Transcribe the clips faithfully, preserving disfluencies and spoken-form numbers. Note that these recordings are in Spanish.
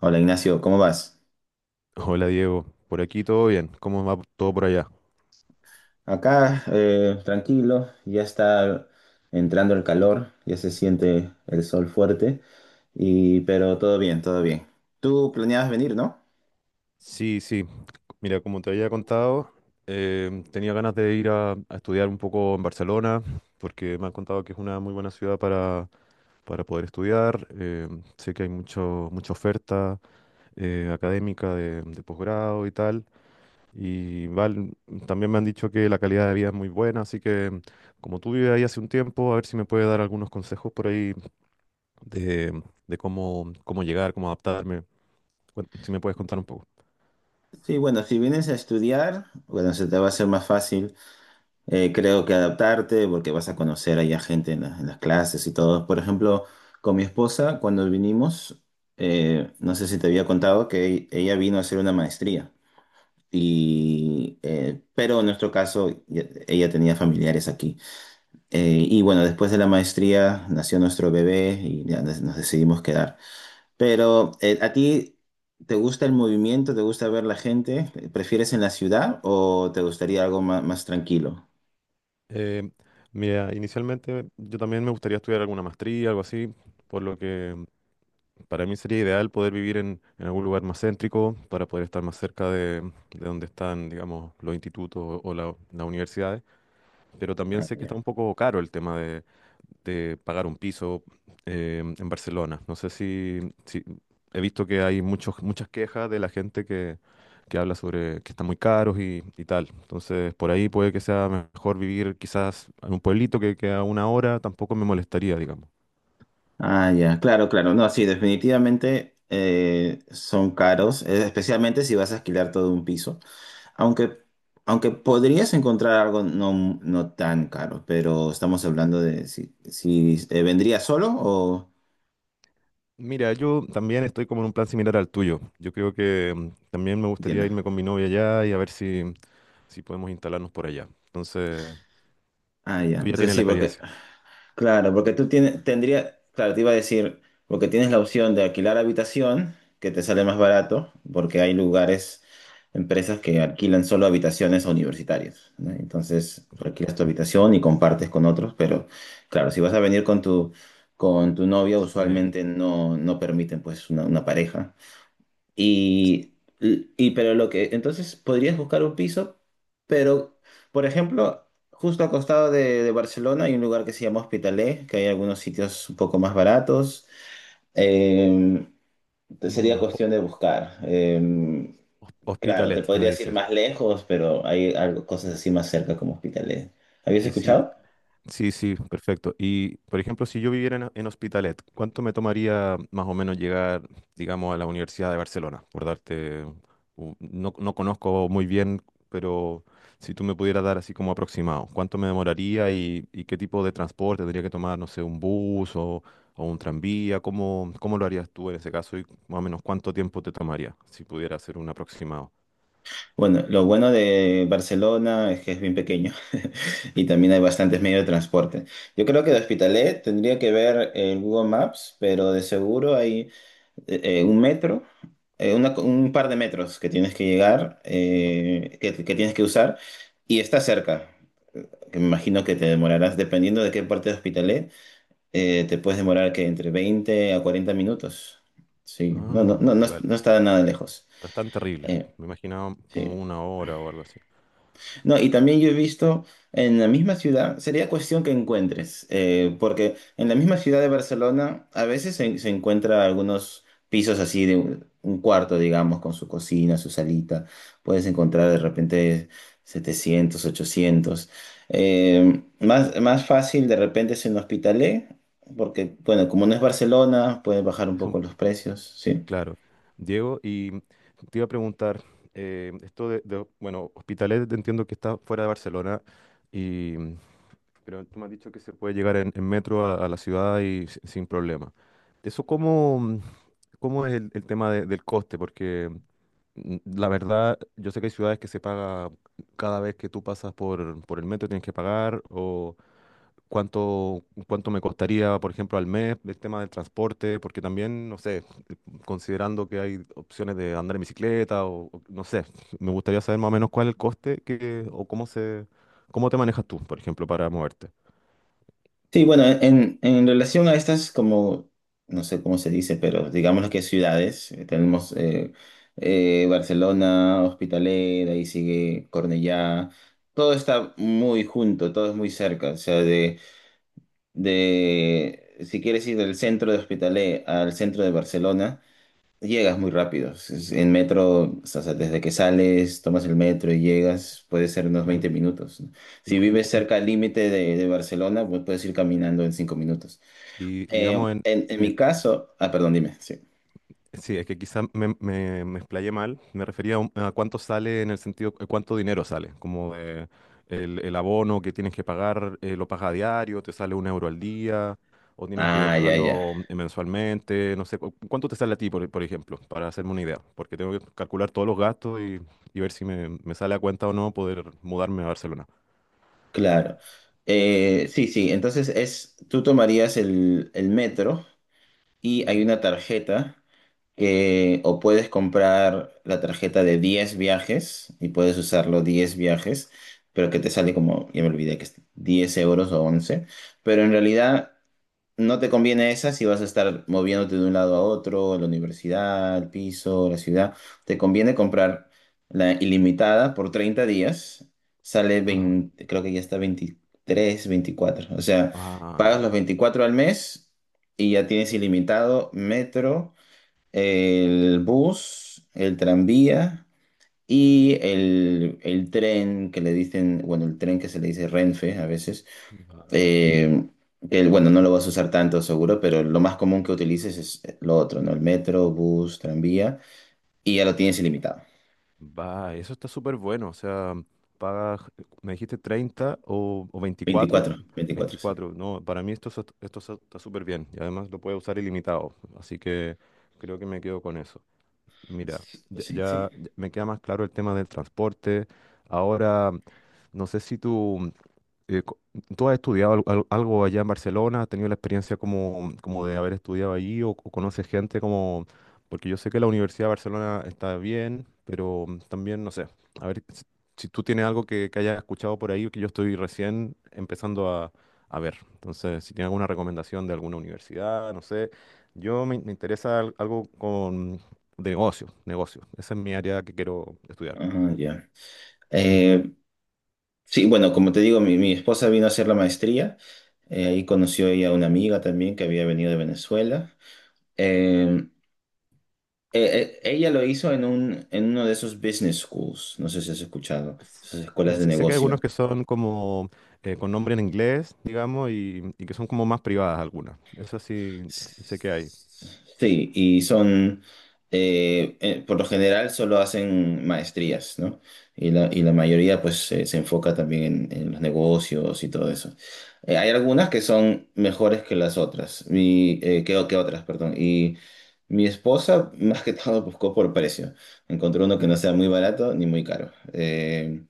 Hola Ignacio, ¿cómo vas? Hola Diego, por aquí todo bien, ¿cómo va todo por allá? Acá, eh, tranquilo, ya está entrando el calor, ya se siente el sol fuerte, y, pero todo bien, todo bien. Tú planeabas venir, ¿no? Sí, sí, mira, como te había contado, em, tenía ganas de ir a, a estudiar un poco en Barcelona, porque me han contado que es una muy buena ciudad para, para poder estudiar. Em, sé que hay mucho, mucha oferta eh, académica de, de posgrado y tal, y val- también me han dicho que la calidad de vida es muy buena, así que, em, como tú vives ahí hace un tiempo, a ver si me puedes dar algunos consejos por ahí de, de cómo, cómo llegar, cómo adaptarme. Cuen- Si me puedes contar un poco. Sí, bueno, si vienes a estudiar, bueno, se te va a hacer más fácil, eh, creo que adaptarte, porque vas a conocer allá gente en, la- en las clases y todo. Por ejemplo, con mi esposa, cuando vinimos, eh, no sé si te había contado que ella vino a hacer una maestría. Y, eh, pero en nuestro caso, ya- ella tenía familiares aquí. Eh, y bueno, después de la maestría nació nuestro bebé y ya nos, nos decidimos quedar. Pero, eh, ¿a ti te gusta el movimiento? ¿Te gusta ver la gente? ¿Prefieres en la ciudad o te gustaría algo ma- más tranquilo? Eh, Mira, inicialmente yo también me gustaría estudiar alguna maestría, algo así, por lo que para mí sería ideal poder vivir en, en algún lugar más céntrico para poder estar más cerca de, de donde están, digamos, los institutos o la- las universidades. Pero también Ah, sé que ya. está un poco caro el tema de, de pagar un piso eh, en Barcelona. No sé si, si- he visto que hay muchos, muchas quejas de la gente que, que habla sobre que están muy caros y, y tal. Entonces, por ahí puede que sea mejor vivir quizás en un pueblito que, que a una hora tampoco me molestaría, digamos. Ah, ya, claro, claro. No, sí, definitivamente eh, son caros, eh, especialmente si vas a alquilar todo un piso. Aunque, aunque podrías encontrar algo no, no tan caro, pero estamos hablando de si, si eh, vendría solo o... Mira, yo también estoy como en un plan similar al tuyo. Yo creo que, mm, también me gustaría Entiendo. irme con mi novia allá y a ver si, si podemos instalarnos por allá. Entonces, Ah, ya. tú ya Entonces tienes la sí, porque experiencia. claro, porque tú tienes, tendría, claro, te iba a decir, porque tienes la opción de alquilar habitación, que te sale más barato, porque hay lugares, empresas que alquilan solo habitaciones a universitarios, ¿no? Entonces, tú alquilas tu habitación y compartes con otros, pero claro, si vas a venir con tu, con tu novia, Sí. usualmente no, no permiten pues una, una pareja. Y, y pero lo que, entonces podrías buscar un piso, pero, por ejemplo, justo al costado de, de Barcelona hay un lugar que se llama Hospitalet, que hay algunos sitios un poco más baratos. Eh, Mm, Sería cuestión de ho- buscar. Eh, hos- claro, te Hospitalet, me podrías ir dices. más lejos, pero hay algo, cosas así más cerca como Hospitalet. ¿Habías Y si, escuchado? Sí, sí, perfecto. Y, por ejemplo, si yo viviera en, en Hospitalet, ¿cuánto me tomaría más o menos llegar, digamos, a la Universidad de Barcelona? Por darte, u- no, no conozco muy bien, pero si tú me pudieras dar así como aproximado, ¿cuánto me demoraría y, y qué tipo de transporte tendría que tomar? No sé, un bus o, o un tranvía. ¿Cómo, cómo lo harías tú en ese caso y más o menos cuánto tiempo te tomaría si pudiera hacer un aproximado? Bueno, lo bueno de Barcelona es que es bien pequeño y también hay bastantes medios de transporte. Yo creo que de Hospitalet tendría que ver el Google Maps, pero de seguro hay eh, eh, un metro, eh, una- un par de metros que tienes que llegar, Vale. eh, que, que tienes que usar y está cerca. Que me imagino que te demorarás, dependiendo de qué parte de Hospitalet, eh, te puedes demorar que entre veinte a cuarenta minutos. Sí, no, no, Ah, no, no, vale, vale. no está nada lejos. No es tan terrible. Eh, Me imaginaba como sí. una hora o algo así. No, y también yo he visto en la misma ciudad, sería cuestión que encuentres, eh, porque en la misma ciudad de Barcelona a veces se, se encuentra algunos pisos así de un, un cuarto, digamos, con su cocina, su salita. Puedes encontrar de repente setecientos ochocientos. Eh, más, más fácil de repente es en Hospitalet, porque, bueno, como no es Barcelona, pueden bajar un Es poco un, los precios, ¿sí? claro. Diego, y te iba a preguntar, eh, esto de, de- bueno, Hospitalet entiendo que está fuera de Barcelona, y, pero tú me has dicho que se puede llegar en, en metro a, a la ciudad y si- sin problema. ¿Eso cómo, cómo es el, el tema de- del coste? Porque, mm, la verdad, yo sé que hay ciudades que se paga cada vez que tú pasas por, por el metro, tienes que pagar, cuánto, cuánto me costaría, por ejemplo, al mes el tema del transporte, porque también, no sé, considerando que hay opciones de andar en bicicleta o, o no sé, me gustaría saber más o menos cuál es el coste que, o cómo se, cómo te manejas tú, por ejemplo, para moverte. Sí, bueno, en, en relación a estas, como, no sé cómo se dice, pero digamos que ciudades, eh, tenemos eh, eh, Barcelona, Hospitalet, ahí sigue Cornellá, todo está muy junto, todo es muy cerca, o sea, de, de, si quieres ir del centro de Hospitalet al centro de Barcelona, llegas muy rápido. Si Es- En metro, o sea, desde que sales, tomas el metro y llegas, puede ser unos Claro. veinte minutos, ¿no? Y, Si y, vives cu- y- cerca al límite de, de Barcelona, pues puedes ir caminando en cinco minutos. y Eh, digamos, en, en, en mi en, caso, ah, perdón, dime, sí. Sí, es que quizá me, me, me explayé mal. Me refería a, un- a cuánto sale en el sentido, eh, cuánto dinero sale. Como de el, el abono que tienes que pagar, eh, lo pagas a diario, te sale un euro al día, o tienes que Ah, ya, ya, pagarlo eh, mensualmente. No sé, cu- ¿cuánto te sale a ti, por, por ejemplo? Para hacerme una idea. Porque tengo que calcular todos los gastos y, y ver si me, me sale a cuenta o no poder mudarme a Barcelona. claro. Eh, sí, sí, entonces es, tú tomarías el, el metro y hay Vale. una tarjeta eh, o puedes comprar la tarjeta de diez viajes y puedes usarlo diez viajes, pero que te sale como, ya me olvidé que es diez euros o once, pero en realidad no te conviene esa si vas a estar moviéndote de un lado a otro, la universidad, el piso, la ciudad, te conviene comprar la ilimitada por treinta días, sale Ah, veinte, creo que ya está veintitrés veinticuatro, o sea, ah, pagas los veinticuatro al mes. Y ya tienes ilimitado metro, el bus, el tranvía y el, el tren que le dicen, bueno, el tren que se le dice Renfe a veces, ya. eh, que bueno, no lo vas a usar tanto seguro, pero lo más común que utilices es lo otro, ¿no? El metro, bus, tranvía, y ya lo tienes ilimitado. Va, eso está súper bueno. O sea, pagas, eh, me dijiste treinta o, o veinticuatro. Veinticuatro, veinticuatro, sí. 24, no, para mí esto, es- esto es- está súper bien. Y además lo puedo usar ilimitado. Así que creo que me quedo con eso. Mira, ya, Sí, sí. ya- ya me queda más claro el tema del transporte. Ahora, no sé si tú, eh, co- ¿tú has estudiado al- al- algo allá en Barcelona? ¿Has tenido la experiencia como, como de haber estudiado allí, o, o conoces gente como... Porque yo sé que la Universidad de Barcelona está bien, pero, mm, también, no sé, a ver si, si tú tienes algo que, que hayas escuchado por ahí, que yo estoy recién empezando a, a ver. Entonces, si tienes alguna recomendación de alguna universidad, no sé. Yo me, me interesa al- algo con de negocio, negocio. Esa es mi área que quiero estudiar. Ajá, ya. Eh, sí, bueno, como te digo, mi, mi esposa vino a hacer la maestría. Eh, ahí conoció ella a una amiga también que había venido de Venezuela. Eh, Eh, eh, ella lo hizo en un, en uno de esos business schools, no sé si has escuchado, S- esas escuelas eh, de Sé que hay algunos negocio. que son como, eh, con nombre en inglés, digamos, y, y que son como más privadas algunas. Eso sí, s- sé que hay. Sí, y son, eh, eh, por lo general solo hacen maestrías, ¿no? Y la, y la mayoría pues se, se enfoca también en, en los negocios y todo eso. Eh, hay algunas que son mejores que las otras, y, eh, que, que otras, perdón. Y mi esposa más que todo buscó por precio. Encontró uno que Eh, no sea muy barato ni muy caro. Eh,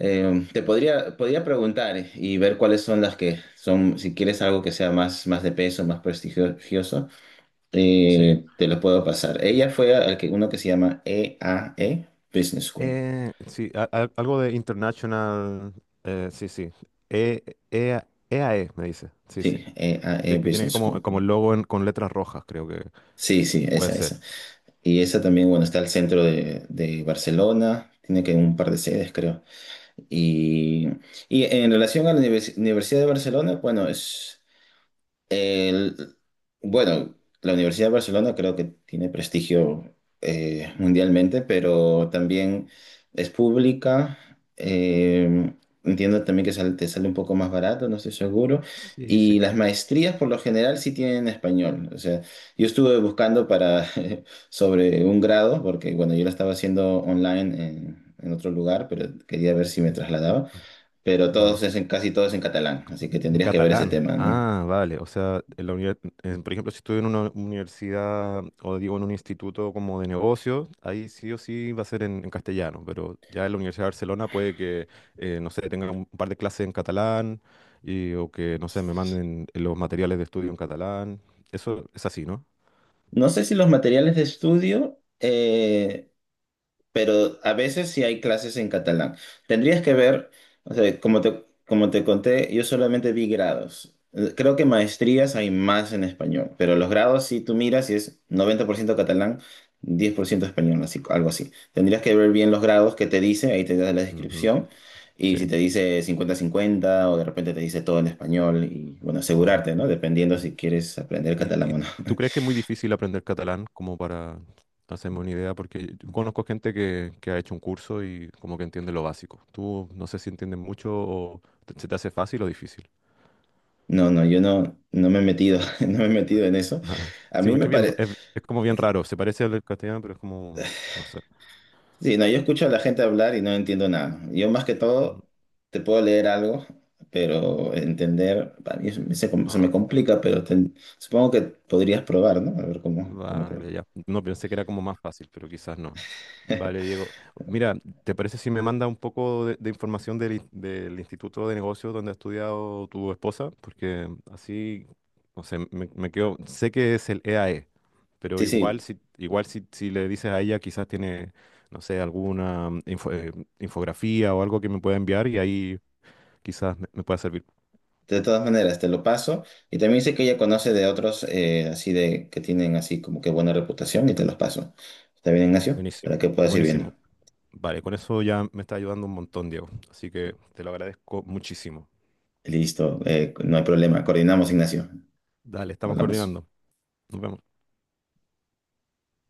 Eh, Te podría, podría preguntar eh, y ver cuáles son las que son, si quieres algo que sea más, más de peso, más prestigioso, Sí. eh, te lo puedo pasar. Ella fue al que, uno que se llama E A E Business School. Eh, sí, a- a- algo de international. Eh, sí, sí. E, E- EAE, me dice. Sí, Sí, sí. E A E Que, que tiene Business School. como, como el logo en- con letras rojas, creo que Sí, sí, puede esa, esa. ser. Y esa también, bueno, está al centro de, de Barcelona, tiene que un par de sedes, creo. Y, y en relación a la univers- Universidad de Barcelona, bueno, es... El- bueno, la Universidad de Barcelona creo que tiene prestigio eh, mundialmente, pero también es pública. eh, Entiendo también que sale- te sale un poco más barato, no estoy seguro. Sí, sí. Y las maestrías por lo general sí tienen español. O sea, yo estuve buscando para sobre un grado, porque bueno, yo lo estaba haciendo online en, en otro lugar, pero quería ver si me Mm, trasladaba. mm. Pero Vale. todos es en, casi todos en catalán, así que Un tendrías que ver ese catalán. tema, ¿no? Ah, vale. O sea, en la univers- en- por ejemplo, si estoy en una universidad o digo en un instituto como de negocios, ahí sí o sí va a ser en, en castellano, pero ya en la Universidad de Barcelona puede que, eh, no sé, tenga un par de clases en catalán y, o que, no sé, me manden los materiales de estudio en catalán. Eso es así, ¿no? No sé si los materiales de estudio, eh, pero a veces sí hay clases en catalán. Tendrías que ver, o sea, como te, como te conté, yo solamente vi grados. Eh, Creo que maestrías hay más en español, pero los grados si tú miras y es noventa por ciento catalán, diez por ciento español, así, algo así. Tendrías que ver bien los grados que te dice, ahí te da la Ujú. descripción, y Sí, si te dice cincuenta-cincuenta o de repente te dice todo en español, y bueno, vale. asegurarte, ¿no? Dependiendo si quieres aprender ¿Y, catalán o y- no. y tú crees que es muy difícil aprender catalán como para hacerme una idea? Porque yo conozco gente que, que ha hecho un curso y como que entiende lo básico. Tú no sé si entiendes mucho o te- se te hace fácil o difícil. No, no, yo no, no me he metido, no me he metido en eso. A Sí, mí me porque es bien, r- parece, es, es como bien raro. Se parece al del castellano, pero es como, no sé. sí, no, yo escucho a la gente hablar y no entiendo nada. Yo más que Mm. todo te puedo leer algo, pero entender, para mí se, se com- se me complica, pero ten- supongo que podrías probar, ¿no? A ver cómo, cómo te va. Vale, ya. No pensé que era como más fácil, pero quizás no. Vale, Diego. Mira, ¿te parece si me manda un poco de, de información del, in- del Instituto de Negocios donde ha estudiado tu esposa? Porque así, no sé, me, me quedo. Sé que es el E A E, pero Sí, igual sí, si, igual si, si le dices a ella, quizás tiene, no sé, alguna mm, info- eh, infografía o algo que me pueda enviar y ahí quizás me, me pueda servir. de todas maneras, te lo paso. Y también sé que ella conoce de otros eh, así de que tienen así como que buena reputación y te los paso. ¿Está bien, Ignacio? Para Buenísimo, que puedas ir buenísimo. viendo. Vale, con eso ya me está ayudando un montón, Diego. Así que te lo agradezco muchísimo. Listo, eh, no hay problema. Coordinamos, Ignacio. Dale, estamos Hablamos. coordinando. Nos vemos.